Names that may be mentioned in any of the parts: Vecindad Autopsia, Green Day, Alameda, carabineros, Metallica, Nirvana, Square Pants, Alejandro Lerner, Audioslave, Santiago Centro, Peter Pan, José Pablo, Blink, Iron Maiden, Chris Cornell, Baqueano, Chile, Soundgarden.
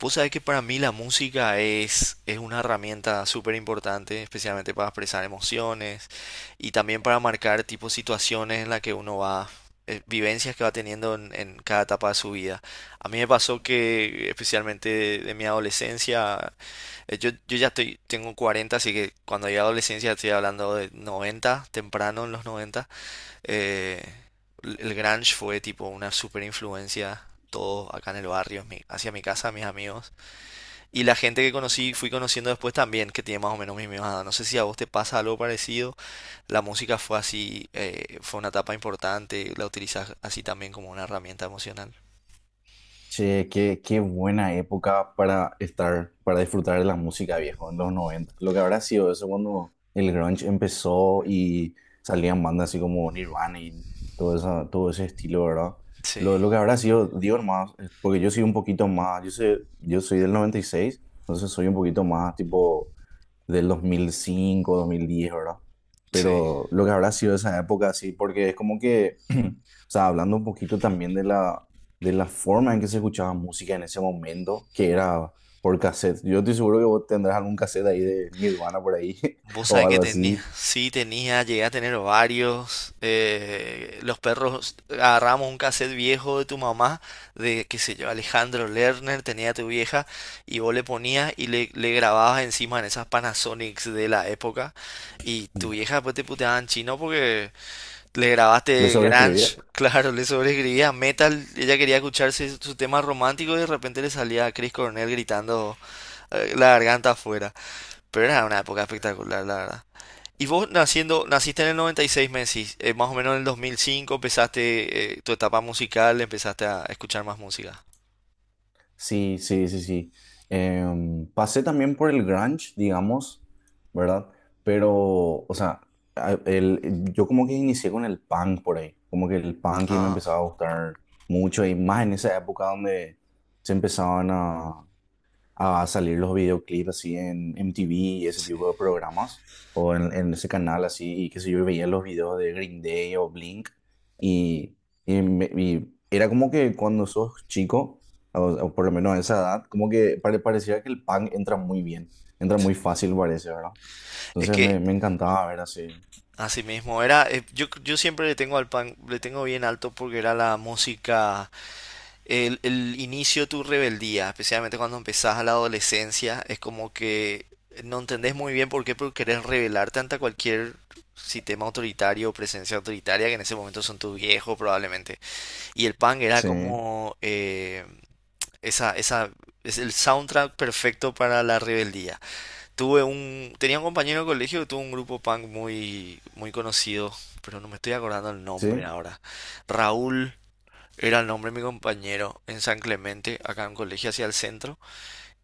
Vos sabés que para mí la música es una herramienta súper importante, especialmente para expresar emociones y también para marcar tipo situaciones en las que uno vivencias que va teniendo en cada etapa de su vida. A mí me pasó que, especialmente de mi adolescencia, tengo 40, así que cuando llegué a la adolescencia estoy hablando de 90 temprano en los 90. Eh, el el grunge fue tipo una súper influencia. Todo acá en el barrio, hacia mi casa, mis amigos. Y la gente que conocí, fui conociendo después también, que tiene más o menos mi misma edad. No sé si a vos te pasa algo parecido. La música fue así, fue una etapa importante. La utilizas así también como una herramienta emocional. Che, qué buena época para estar, para disfrutar de la música viejo en los noventa. Lo que habrá sido eso cuando el grunge empezó y salían bandas así como Nirvana y todo ese estilo, ¿verdad? Lo, Sí, lo que habrá sido, digo más, porque yo soy un poquito más, yo sé, yo soy del noventa y seis, entonces soy un poquito más tipo del dos mil cinco, dos mil diez, ¿verdad? sí. Pero lo que habrá sido esa época así, porque es como que... O sea, hablando un poquito también de la forma en que se escuchaba música en ese momento, que era por cassette. Yo estoy seguro que vos tendrás algún cassette ahí de Nirvana por ahí Vos o sabés que algo tenía, así. sí, tenía, llegué a tener varios. Los perros, agarramos un cassette viejo de tu mamá, de, qué sé yo, Alejandro Lerner, tenía tu vieja, y vos le ponías y le grababas encima en esas Panasonics de la época. Y tu Mm. vieja después te puteaba en chino porque le ¿Le grabaste sobreescribía? grunge, claro, le sobreescribía metal, ella quería escucharse su tema romántico y de repente le salía a Chris Cornell gritando, la garganta afuera. Pero era una época espectacular, la verdad. Y vos naciste en el 96, me decís, más o menos en el 2005 empezaste, tu etapa musical, empezaste a escuchar más música. Sí, sí, sí, sí. Pasé también por el grunge, digamos, ¿verdad? Pero, o sea, yo como que inicié con el punk por ahí, como que el punk, y me Ah, empezaba a gustar mucho, y más en esa época donde se empezaban a salir los videoclips así en MTV y ese sí, tipo de programas, o en ese canal así, y qué sé yo, y veía los videos de Green Day o Blink. y, y era como que cuando sos chico, o por lo menos a esa edad, como que parecía que el punk entra muy bien, entra muy sí. fácil, parece, ¿verdad? Es Entonces que me encantaba ver así. así mismo era. Yo siempre le tengo al pan, le tengo bien alto porque era la música, el inicio de tu rebeldía, especialmente cuando empezás a la adolescencia. Es como que no entendés muy bien por qué, pero querés rebelarte ante cualquier sistema autoritario o presencia autoritaria que en ese momento son tus viejos probablemente. Y el punk era Sí, como, esa, esa, es el soundtrack perfecto para la rebeldía. Tenía un compañero de colegio que tuvo un grupo punk muy, muy conocido, pero no me estoy acordando el nombre sí. ahora. Raúl era el nombre de mi compañero en San Clemente, acá en un colegio hacia el centro,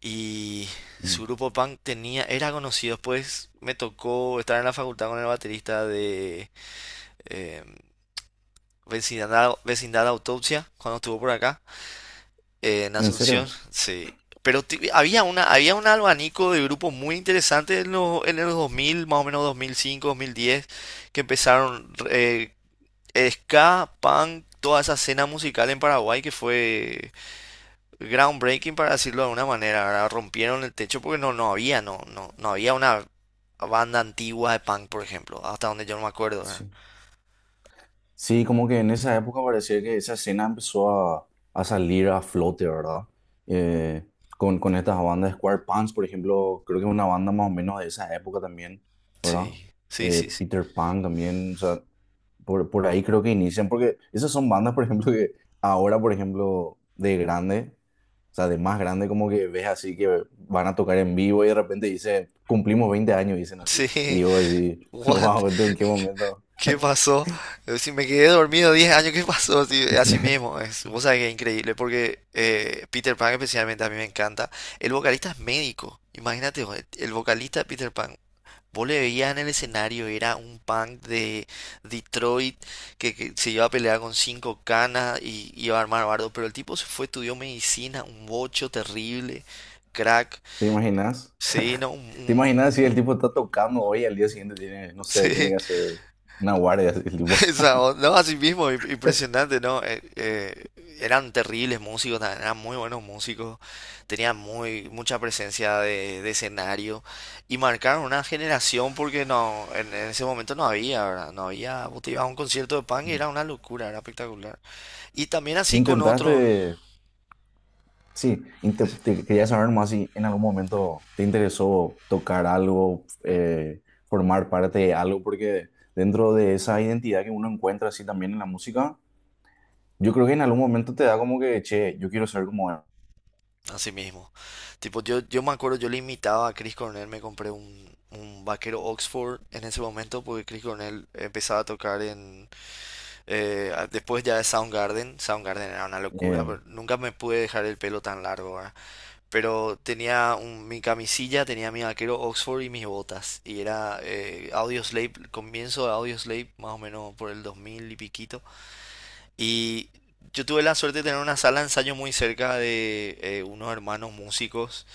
y Mm. su grupo punk tenía, era conocido. Después me tocó estar en la facultad con el baterista de, eh, Vecindad Autopsia, cuando estuvo por acá. En ¿En Asunción, serio? sí. Pero había un abanico de grupos muy interesantes en los 2000, más o menos 2005, 2010, que empezaron, ska, punk, toda esa escena musical en Paraguay que fue groundbreaking, para decirlo de alguna manera, ¿verdad? Rompieron el techo porque no, no había una banda antigua de punk, por ejemplo, hasta donde yo no me acuerdo, ¿verdad? Sí. Sí, como que en esa época parecía que esa escena empezó a salir a flote, ¿verdad? Eh, con estas bandas Square Pants, por ejemplo, creo que es una banda más o menos de esa época también, ¿verdad? Sí, sí, sí, sí. Peter Pan también, o sea, por ahí creo que inician, porque esas son bandas, por ejemplo, que ahora, por ejemplo, de grande, o sea, de más grande, como que ves así que van a tocar en vivo y de repente dicen, cumplimos 20 años, dicen Sí. así. Y yo así, What? wow, ¿esto en qué momento? ¿Qué pasó? Si me quedé dormido 10 años, ¿qué pasó? Así, así mismo es. Vos sabés que es increíble, porque, Peter Pan especialmente a mí me encanta. El vocalista es médico, imagínate, vos, el vocalista de Peter Pan. Vos le veías en el escenario, era un punk de Detroit que se iba a pelear con cinco canas y iba a armar bardo, pero el tipo se fue, estudió medicina, un bocho terrible, crack. ¿Te imaginas? Sí, no, ¿Te imaginas si el tipo está tocando hoy y al día siguiente tiene, no sé, tiene sí. que hacer una guardia el tipo? No, así mismo, impresionante, ¿no? Eran terribles músicos, eran muy buenos músicos, tenían mucha presencia de escenario y marcaron una generación porque no, en ese momento no había, ¿verdad? No había, vos te ibas a un concierto de punk y era una locura, era espectacular. Y también así con Intentaste, otros, sí, te quería saber más si en algún momento te interesó tocar algo, formar parte de algo, porque dentro de esa identidad que uno encuentra así también en la música, yo creo que en algún momento te da como que, che, yo quiero ser como él. así mismo. Tipo, yo me acuerdo, yo le imitaba a Chris Cornell, me compré un vaquero Oxford en ese momento porque Chris Cornell empezaba a tocar en... Después ya de Soundgarden era una locura, Eh, pero nunca me pude dejar el pelo tan largo, ¿verdad? Pero tenía mi camisilla, tenía mi vaquero Oxford y mis botas. Y era, Audioslave, comienzo de Audioslave, más o menos por el 2000 y piquito. Y yo tuve la suerte de tener una sala de ensayo muy cerca de, unos hermanos músicos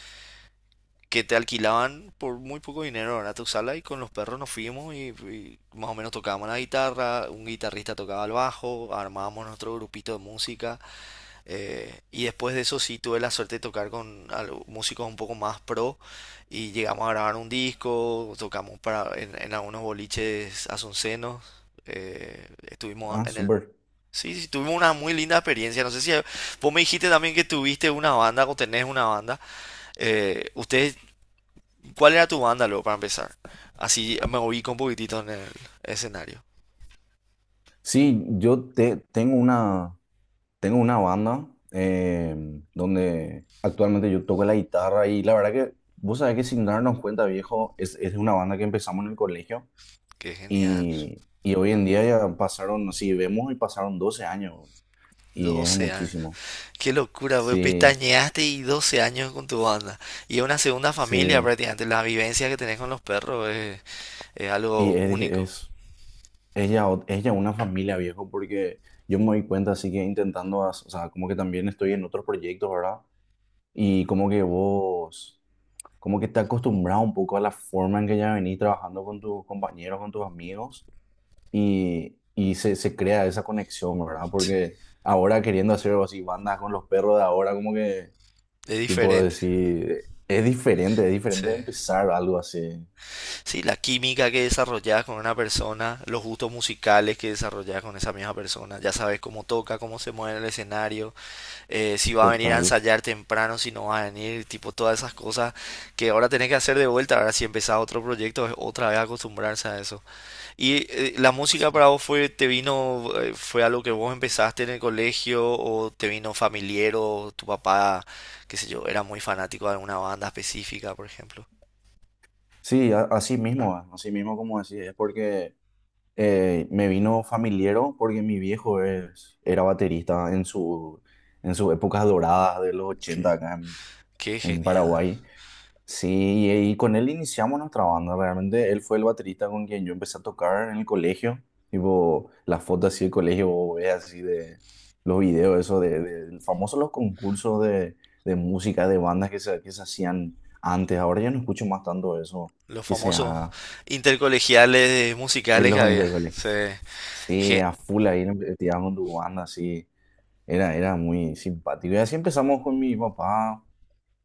que te alquilaban por muy poco dinero, ¿verdad? Tu sala y con los perros nos fuimos y más o menos tocábamos la guitarra, un guitarrista tocaba el bajo, armábamos nuestro grupito de música, y después de eso sí tuve la suerte de tocar con músicos un poco más pro y llegamos a grabar un disco, tocamos para en algunos boliches asuncenos, estuvimos ah, en el... súper. Sí, sí, tuvimos una muy linda experiencia. No sé si vos me dijiste también que tuviste una banda o tenés una banda. ¿Ustedes ¿Cuál era tu banda luego para empezar? Así me ubico un poquitito en el escenario. Sí, tengo una. Tengo una banda donde actualmente yo toco la guitarra, y la verdad que vos sabés que sin darnos cuenta, viejo, es una banda que empezamos en el colegio, Qué genial. Y hoy en día ya pasaron, si vemos, y pasaron 12 años, y es 12 años. muchísimo. Qué locura, pues Sí, pestañeaste y 12 años con tu banda. Y es una segunda familia sí. prácticamente. La vivencia que tenés con los perros es Y algo es, único. es, es ya, es ya una familia, viejo, porque yo me doy cuenta, así que intentando, o sea, como que también estoy en otros proyectos, ¿verdad? Y como que vos... como que te acostumbras un poco a la forma en que ya venís trabajando con tus compañeros, con tus amigos, y se crea esa conexión, ¿verdad? Sí. Porque ahora queriendo hacer algo así, bandas con los perros de ahora, como que, Es tipo, diferente. decir, es diferente Sí. empezar algo así, Sí, la química que desarrollas con una persona, los gustos musicales que desarrollas con esa misma persona. Ya sabes cómo toca, cómo se mueve en el escenario. Si va a venir a total. ensayar temprano, si no va a venir, tipo todas esas cosas que ahora tenés que hacer de vuelta. Ahora, si empezás otro proyecto, es otra vez acostumbrarse a eso. ¿Y la música Sí, para vos fue, te vino, fue algo que vos empezaste en el colegio o te vino familiar o tu papá, qué sé yo, era muy fanático de alguna banda específica, por ejemplo? sí, así mismo, ah, así mismo como decís, es porque me vino familiero, porque mi viejo es, era baterista en su, en sus épocas doradas de los Qué, 80 acá qué en genial. Paraguay. Sí, y con él iniciamos nuestra banda. Realmente él fue el baterista con quien yo empecé a tocar en el colegio. Tipo, las fotos así del colegio, vos ves así de los videos, eso de famosos los concursos de música, de bandas que que se hacían antes. Ahora ya no escucho más tanto eso Los que se famosos haga intercolegiales en musicales que los había. intercolegios. Sí, Sí, ge- a full ahí tiramos con tu banda, así. Era muy simpático. Y así empezamos con mi papá,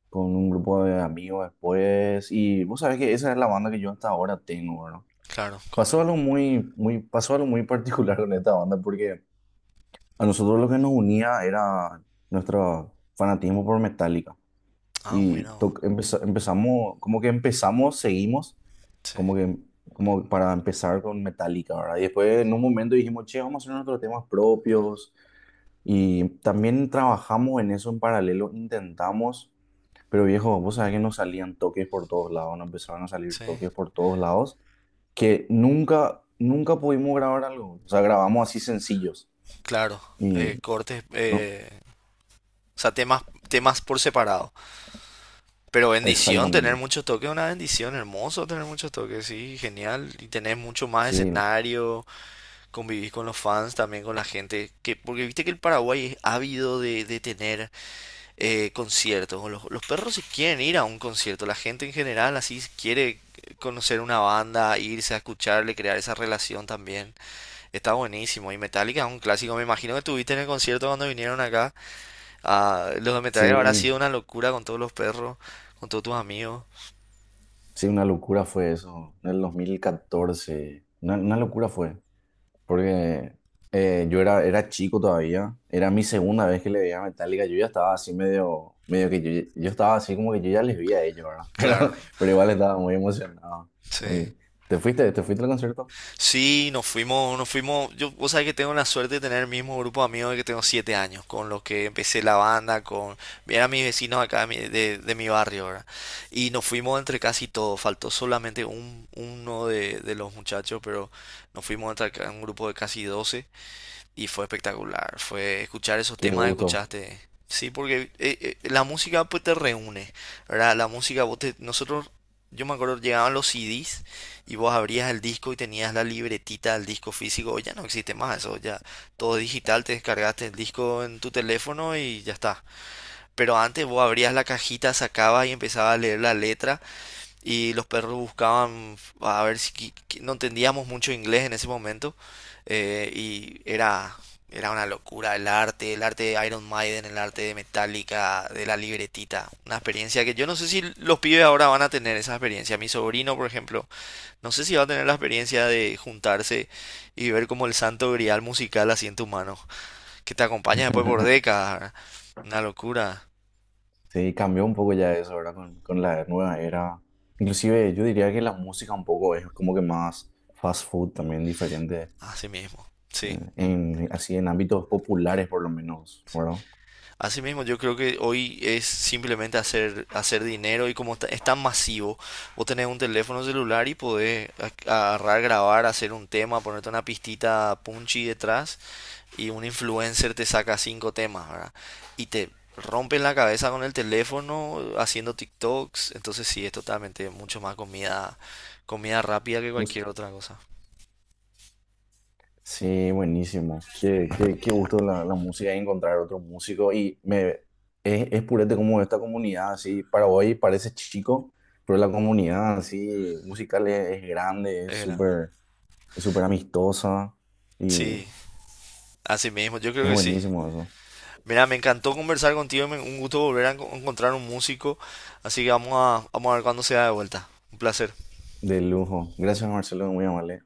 con un grupo de amigos después, y vos sabés que esa es la banda que yo hasta ahora tengo, ¿verdad? claro, con... Pasó algo muy, muy, pasó algo muy particular con esta banda, porque a nosotros lo que nos unía era nuestro fanatismo por Metallica, Ah, mira vos. Empezamos, como que empezamos, seguimos, Sí, como que como para empezar con Metallica, ¿verdad? Y después en un momento dijimos, che, vamos a hacer nuestros temas propios, y también trabajamos en eso en paralelo, intentamos, pero viejo, vos sabés que nos salían toques por todos lados, nos empezaron a salir sí. toques por todos lados, que nunca, nunca pudimos grabar algo. O sea, grabamos así sencillos. Claro, Y cortes, no, o sea, temas, temas por separado. Pero bendición, tener exactamente. muchos toques es una bendición, hermoso tener muchos toques, sí, genial. Y tener mucho más Sí, escenario, convivir con los fans, también con la gente. Que, porque viste que el Paraguay es ávido de tener, conciertos. Los perros si quieren ir a un concierto, la gente en general así si quiere conocer una banda, irse a escucharle, crear esa relación también. Está buenísimo. Y Metallica es un clásico, me imagino que tuviste en el concierto cuando vinieron acá. Ah, los documentales habrá sí, sido una locura con todos los perros, con todos tus amigos. sí, una locura fue eso. En el 2014, una locura fue, porque era chico todavía, era mi segunda vez que le veía a Metallica, yo ya estaba así medio, medio que yo estaba así como que yo ya les vi a ellos, ¿verdad? Pero, Claro, pero igual estaba muy emocionado. sí. Muy- ¿Te fuiste? ¿Te fuiste al concierto? Sí, nos fuimos, nos fuimos. Yo, vos sabés que tengo la suerte de tener el mismo grupo de amigos que tengo 7 años, con los que empecé la banda, eran mis vecinos acá de mi barrio, ¿verdad? Y nos fuimos entre casi todos, faltó solamente uno de los muchachos, pero nos fuimos entre acá un grupo de casi 12. Y fue espectacular. Fue escuchar esos Qué temas que gusto. escuchaste. Sí, porque la música pues te reúne, ¿verdad? La música, nosotros, yo me acuerdo, llegaban los CDs y vos abrías el disco y tenías la libretita del disco físico. Hoy ya no existe más eso, ya todo digital, te descargaste el disco en tu teléfono y ya está. Pero antes vos abrías la cajita, sacabas y empezabas a leer la letra y los perros buscaban a ver si no entendíamos mucho inglés en ese momento, y era una locura el arte de Iron Maiden, el arte de Metallica, de la libretita, una experiencia que yo no sé si los pibes ahora van a tener esa experiencia. Mi sobrino, por ejemplo, no sé si va a tener la experiencia de juntarse y ver como el santo grial musical así en tus manos, que te acompaña después por décadas. ¿Verdad? Una locura, Sí, cambió un poco ya eso, ¿verdad? Con la nueva era. Inclusive yo diría que la música un poco es como que más fast food también diferente, así mismo. Sí. Así en ámbitos populares por lo menos, ¿verdad? Asimismo, yo creo que hoy es simplemente hacer, hacer dinero y como está, es tan masivo, vos tenés un teléfono celular y podés, agarrar, grabar, hacer un tema, ponerte una pistita punchy detrás y un influencer te saca cinco temas, ¿verdad? Y te rompen la cabeza con el teléfono haciendo TikToks, entonces sí, es totalmente mucho más comida, rápida que cualquier otra cosa. Sí, buenísimo. Qué gusto la, la música, y encontrar otro músico. Es purete como esta comunidad, así, para hoy parece chico, pero la comunidad así musical es grande, Es grande. Es súper amistosa, y Sí, así mismo, yo creo es que sí. buenísimo eso. Mira, me encantó conversar contigo, un gusto volver a encontrar un músico, así que vamos a ver cuándo se da de vuelta. Un placer. De lujo. Gracias, Marcelo, muy amable.